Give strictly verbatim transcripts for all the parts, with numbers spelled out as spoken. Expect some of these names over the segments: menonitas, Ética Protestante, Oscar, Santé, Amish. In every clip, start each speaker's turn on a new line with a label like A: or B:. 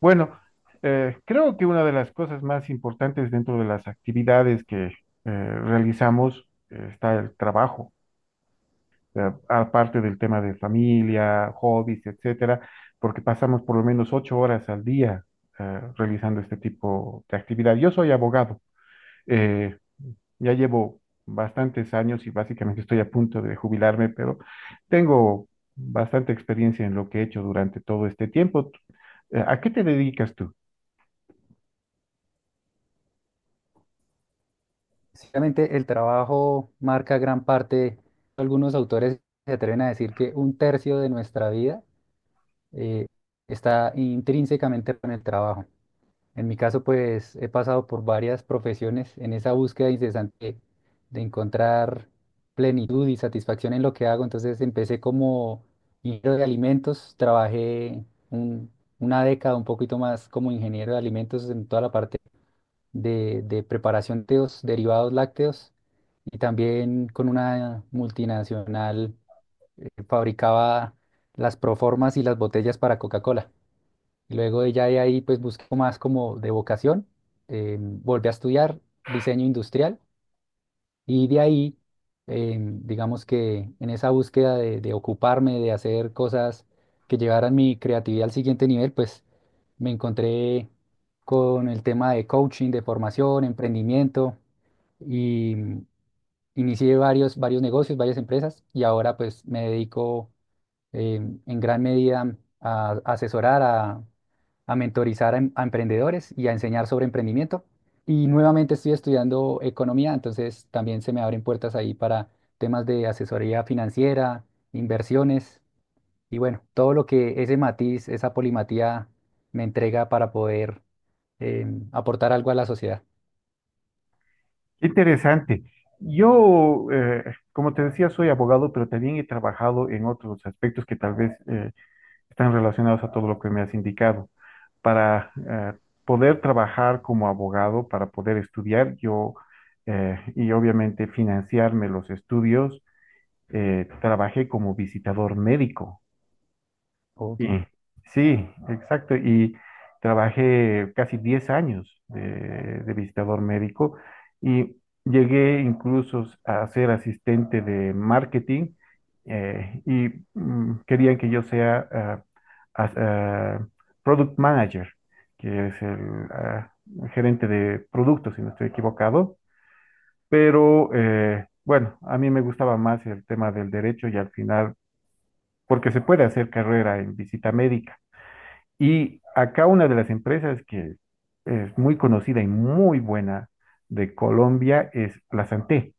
A: Bueno, eh, creo que una de las cosas más importantes dentro de las actividades que eh, realizamos eh, está el trabajo, eh, aparte del tema de familia, hobbies, etcétera, porque pasamos por lo menos ocho horas al día eh, realizando este tipo de actividad. Yo soy abogado, eh, ya llevo bastantes años y básicamente estoy a punto de jubilarme, pero tengo bastante experiencia en lo que he hecho durante todo este tiempo. Eh, ¿a qué te dedicas tú?
B: Básicamente, el trabajo marca gran parte. Algunos autores se atreven a decir que un tercio de nuestra vida eh, está intrínsecamente con el trabajo. En mi caso, pues he pasado por varias profesiones en esa búsqueda incesante de encontrar plenitud y satisfacción en lo que hago. Entonces empecé como ingeniero de alimentos, trabajé un- una década un poquito más como ingeniero de alimentos en toda la parte de, de preparación de los derivados lácteos y también con una multinacional eh, fabricaba las proformas y las botellas para Coca-Cola. Y luego ella de ahí pues buscó más como de vocación, eh, volvió a estudiar diseño industrial y de ahí, eh, digamos que en esa búsqueda de, de ocuparme, de hacer cosas que llevaran mi creatividad al siguiente nivel, pues me encontré con el tema de coaching, de formación, emprendimiento y mm, inicié varios, varios negocios, varias empresas y ahora pues me dedico eh, en gran medida a asesorar, a, a mentorizar a, em- a emprendedores y a enseñar sobre emprendimiento. Y nuevamente estoy estudiando economía, entonces también se me abren puertas ahí para temas de asesoría financiera, inversiones y bueno, todo lo que ese matiz, esa polimatía me entrega para poder em, aportar algo a la sociedad.
A: Qué interesante. Yo, eh, como te decía, soy abogado, pero también he trabajado en otros aspectos que tal vez eh, están relacionados a todo lo que me has indicado. Para eh, poder trabajar como abogado, para poder estudiar, yo eh, y obviamente financiarme los estudios, eh, trabajé como visitador médico.
B: Ok,
A: Sí, sí, exacto. Y trabajé casi diez años de, de visitador médico y llegué incluso a ser asistente de marketing eh, y mm, querían que yo sea ah, as- ah, product manager, que es el ah, gerente de productos, si no estoy equivocado. Pero eh, bueno, a mí me gustaba más el tema del derecho y al final, porque se puede hacer carrera en visita médica. Y acá una de las empresas que es muy conocida y muy buena de Colombia es la Santé,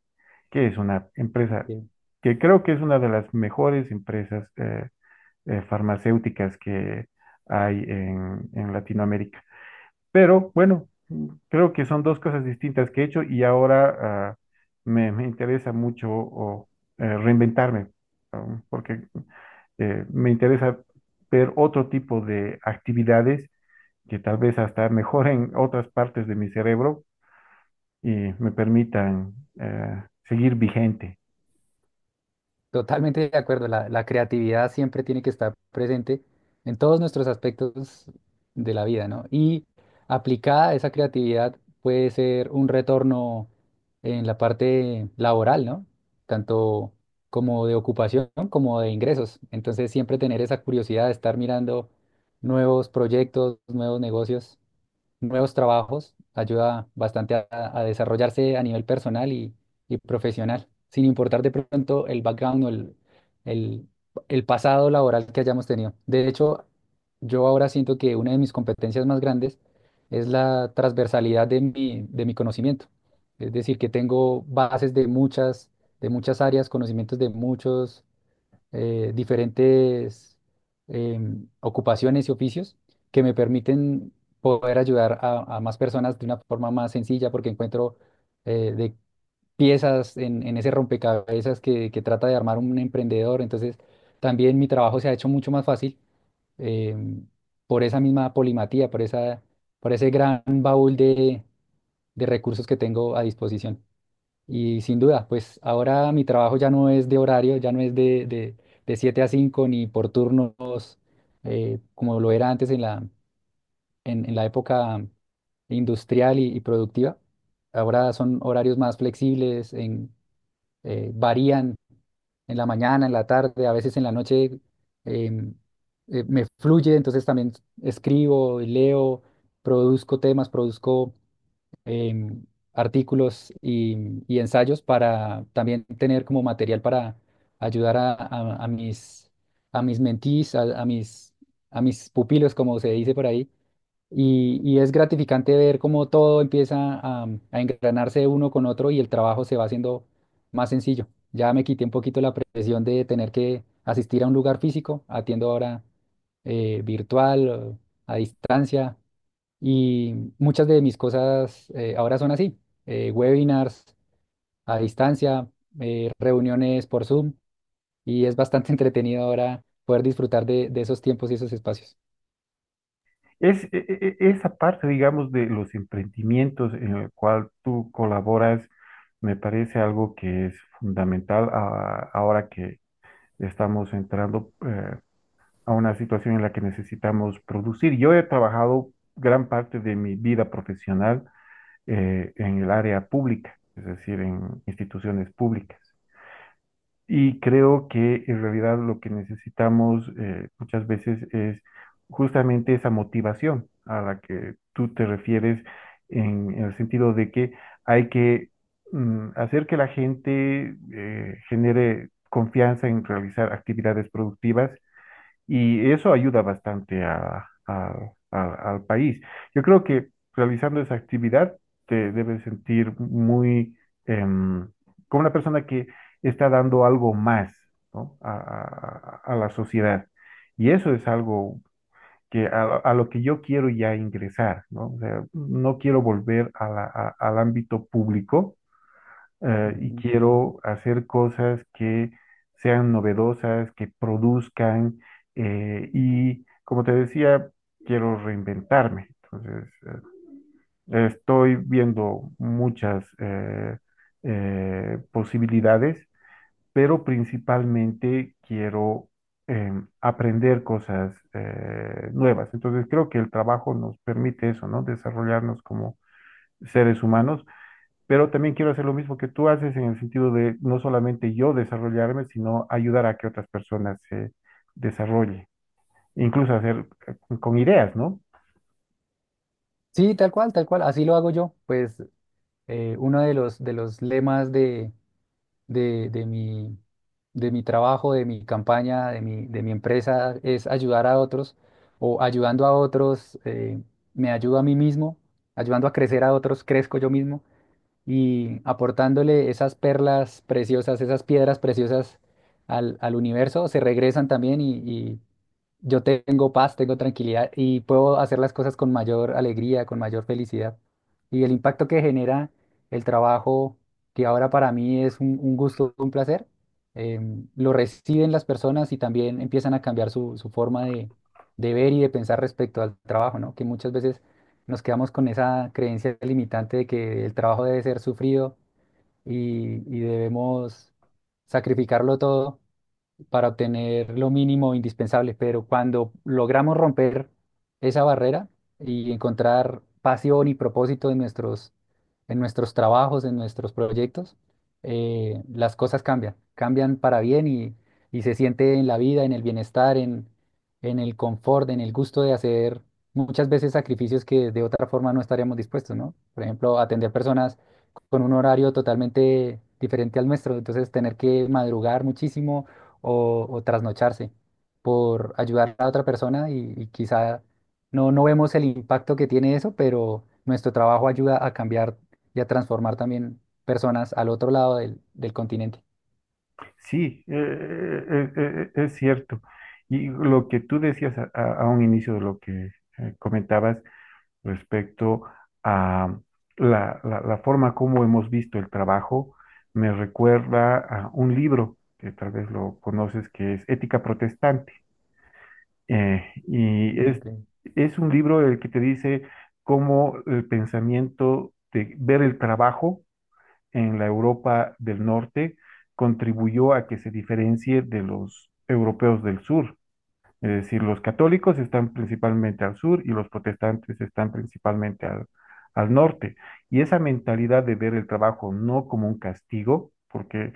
A: que es una empresa
B: entiendo.
A: que creo que es una de las mejores empresas eh, eh, farmacéuticas que hay en, en Latinoamérica. Pero bueno, creo que son dos cosas distintas que he hecho y ahora ah, me, me interesa mucho o, eh, reinventarme, um, porque eh, me interesa ver otro tipo de actividades que tal vez hasta mejoren otras partes de mi cerebro y me permitan eh, seguir vigente.
B: Totalmente de acuerdo, la, la creatividad siempre tiene que estar presente en todos nuestros aspectos de la vida, ¿no? Y aplicada esa creatividad puede ser un retorno en la parte laboral, ¿no? Tanto como de ocupación como de ingresos. Entonces siempre tener esa curiosidad de estar mirando nuevos proyectos, nuevos negocios nuevos trabajos, ayuda bastante a, a desarrollarse a nivel personal y, y profesional, sin importar de pronto el background o el, el, el pasado laboral que hayamos tenido. De hecho, yo ahora siento que una de mis competencias más grandes es la transversalidad de mi, de mi conocimiento. Es decir, que tengo bases de muchas, de muchas áreas, conocimientos de muchos eh, diferentes em, ocupaciones y oficios que me permiten poder ayudar a, a más personas de una forma más sencilla porque encuentro eh, de piezas en, en ese rompecabezas que, que trata de armar un emprendedor. Entonces, también mi trabajo se ha hecho mucho más fácil em, por esa misma polimatía, por esa, por ese gran baúl de de recursos que tengo a disposición. Y sin duda, pues ahora mi trabajo ya no es de horario, ya no es de, de, de siete a cinco ni por turnos eh, como lo era antes en la, en, en la época industrial y, y productiva. Ahora son horarios más flexibles, en, eh, varían en la mañana, en la tarde, a veces en la noche em, eh, me fluye, entonces también escribo, leo, produzco temas, produzco em, artículos y, y ensayos para también tener como material para ayudar a, a- a mis, a mis mentees, a, a mis, a mis pupilos, como se dice por ahí. Y, y es gratificante ver cómo todo empieza a, a engranarse uno con otro y el trabajo se va haciendo más sencillo. Ya me quité un poquito la presión de tener que asistir a un lugar físico, atiendo ahora eh, virtual, a distancia. Y muchas de mis cosas eh, ahora son así, eh, webinars a distancia, eh, reuniones por Zoom, y es bastante entretenido ahora poder disfrutar de, de esos tiempos y esos espacios.
A: Es e- e- e- esa parte, digamos, de los emprendimientos en el cual tú colaboras, me parece algo que es fundamental a- ahora que estamos entrando eh, a una situación en la que necesitamos producir. Yo he trabajado gran parte de mi vida profesional eh, en el área pública, es decir, en instituciones públicas. Y creo que en realidad lo que necesitamos eh, muchas veces es justamente esa motivación a la que tú te refieres en, en el sentido de que hay que mm, hacer que la gente eh, genere confianza en realizar actividades productivas y eso ayuda bastante a- a- a- al país. Yo creo que realizando esa actividad te debes sentir muy em, como una persona que está dando algo más, ¿no?, a, a- a- la sociedad. Y eso es algo que a, a lo que yo quiero ya ingresar, ¿no? O sea, no quiero volver a la- a- al ámbito público eh, y
B: Ujú.
A: quiero hacer cosas que sean novedosas, que produzcan eh, y, como te decía, quiero reinventarme. Entonces, eh, estoy viendo muchas eh, eh, posibilidades, pero principalmente quiero em, aprender cosas eh, nuevas. Entonces, creo que el trabajo nos permite eso, ¿no? Desarrollarnos como seres humanos, pero también quiero hacer lo mismo que tú haces en el sentido de no solamente yo desarrollarme, sino ayudar a que otras personas se desarrollen, incluso hacer eh, con ideas, ¿no?
B: Sí, tal cual, tal cual, así lo hago yo. Pues eh, uno de los, de los lemas de, de, de mi, de mi trabajo, de mi campaña, de mi, de mi empresa es ayudar a otros o ayudando a otros, eh, me ayudo a mí mismo, ayudando a crecer a otros, crezco yo mismo. Y aportándole esas perlas preciosas, esas piedras preciosas al, al universo, se regresan también y, y yo tengo paz, tengo tranquilidad y puedo hacer las cosas con mayor alegría, con mayor felicidad. Y el impacto que genera el trabajo, que ahora para mí es un, un gusto, un placer, em, lo reciben las personas y también empiezan a cambiar su, su forma de, de ver y de pensar respecto al trabajo, ¿no? Que muchas veces nos quedamos con esa creencia limitante de que el trabajo debe ser sufrido y, y debemos sacrificarlo todo para obtener lo mínimo indispensable, pero cuando logramos romper esa barrera y encontrar pasión y propósito en nuestros, en nuestros trabajos, en nuestros proyectos, eh, las cosas cambian, cambian para bien y, y se siente en la vida, en el bienestar, en, en el confort, en el gusto de hacer muchas veces sacrificios que de otra forma no estaríamos dispuestos, ¿no? Por ejemplo, atender personas con un horario totalmente diferente al nuestro, entonces tener que madrugar muchísimo o, o trasnocharse por ayudar a otra persona y, y quizá no, no vemos el impacto que tiene eso, pero nuestro trabajo ayuda a cambiar y a transformar también personas al otro lado del, del continente.
A: Sí, eh, eh, eh, eh, es cierto. Y lo que tú decías a, a- a un inicio de lo que eh, comentabas respecto a la, la- la forma como hemos visto el trabajo, me recuerda a un libro que tal vez lo conoces, que es Ética Protestante. Eh, y
B: Mm,
A: es,
B: ok.
A: es un libro el que te dice cómo el pensamiento de ver el trabajo en la Europa del Norte contribuyó a que se diferencie de los europeos del sur. Es decir, los católicos están principalmente al sur y los protestantes están principalmente al, al norte. Y esa mentalidad de ver el trabajo no como un castigo, porque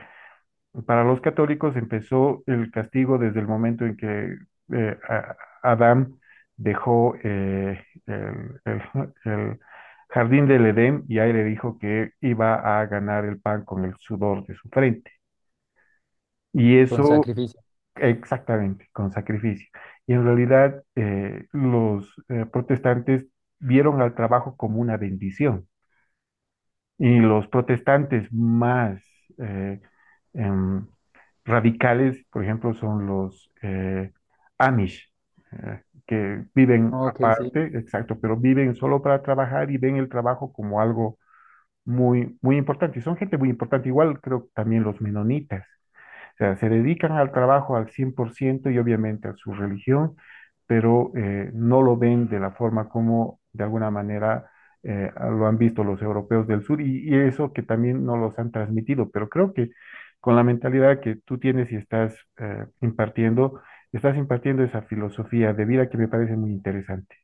A: para los católicos empezó el castigo desde el momento en que eh, a- Adán dejó eh, el, el- el jardín del Edén y ahí le dijo que iba a ganar el pan con el sudor de su frente. Y
B: con
A: eso
B: sacrificio.
A: exactamente, con sacrificio. Y en realidad eh, los eh, protestantes vieron al trabajo como una bendición. Y los protestantes más eh, em, radicales, por ejemplo, son los eh, Amish, eh, que viven
B: Ok, sí.
A: aparte, exacto, pero viven solo para trabajar y ven el trabajo como algo muy, muy importante. Y son gente muy importante, igual creo que también los menonitas. O sea, se dedican al trabajo al cien por ciento y obviamente a su religión, pero eh, no lo ven de la forma como de alguna manera eh, lo han visto los europeos del sur y, y eso que también no los han transmitido. Pero creo que con la mentalidad que tú tienes y estás eh, impartiendo, estás impartiendo esa filosofía de vida que me parece muy interesante.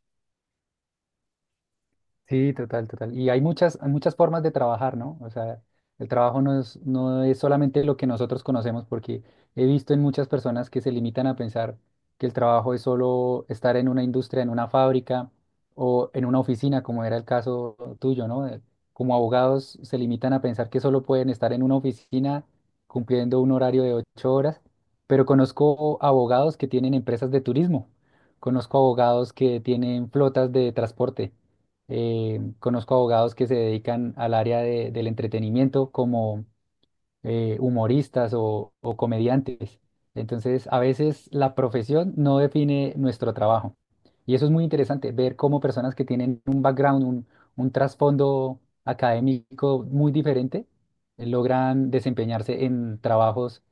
B: Sí, total, total. Y hay muchas, hay muchas formas de trabajar, ¿no? O sea, el trabajo no es, no es solamente lo que nosotros conocemos, porque he visto en muchas personas que se limitan a pensar que el trabajo es solo estar en una industria, en una fábrica o en una oficina, como era el caso tuyo, ¿no? Eh, Como abogados se limitan a pensar que solo pueden estar en una oficina cumpliendo un horario de ocho horas, pero conozco abogados que tienen empresas de turismo, conozco abogados que tienen flotas de transporte eh, conozco abogados que se dedican al área de- del entretenimiento, como eh, humoristas o, o comediantes. Entonces, a veces la profesión no define nuestro trabajo. Y eso es muy interesante, ver cómo personas que tienen un background, un, un trasfondo académico muy diferente, eh, logran desempeñarse en trabajos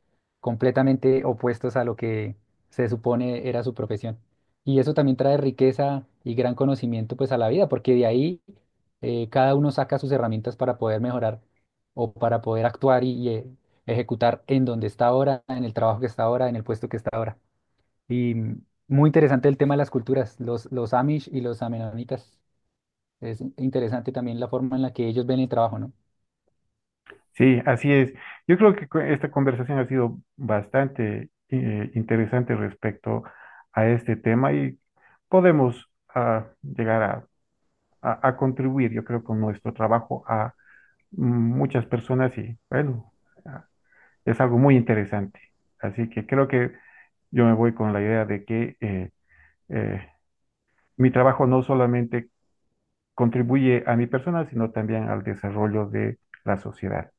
B: completamente opuestos a lo que se supone era su profesión. Y eso también trae riqueza y gran conocimiento pues a la vida, porque de ahí eh, cada uno saca sus herramientas para poder mejorar o para poder actuar y, y, eh, ejecutar en donde está ahora, en el trabajo que está ahora, en el puesto que está ahora. Y mm, muy interesante el tema de las culturas, los, los Amish y los Amenonitas. Es interesante también la forma en la que ellos ven el trabajo, ¿no?
A: Sí, así es. Yo creo que cu- esta conversación ha sido bastante eh, interesante respecto a este tema y podemos ah, llegar a, a- a contribuir, yo creo, con nuestro trabajo a mm, muchas personas y bueno, ah, es algo muy interesante. Así que creo que yo me voy con la idea de que eh, eh, mi trabajo no solamente contribuye a mi persona, sino también al desarrollo de la sociedad.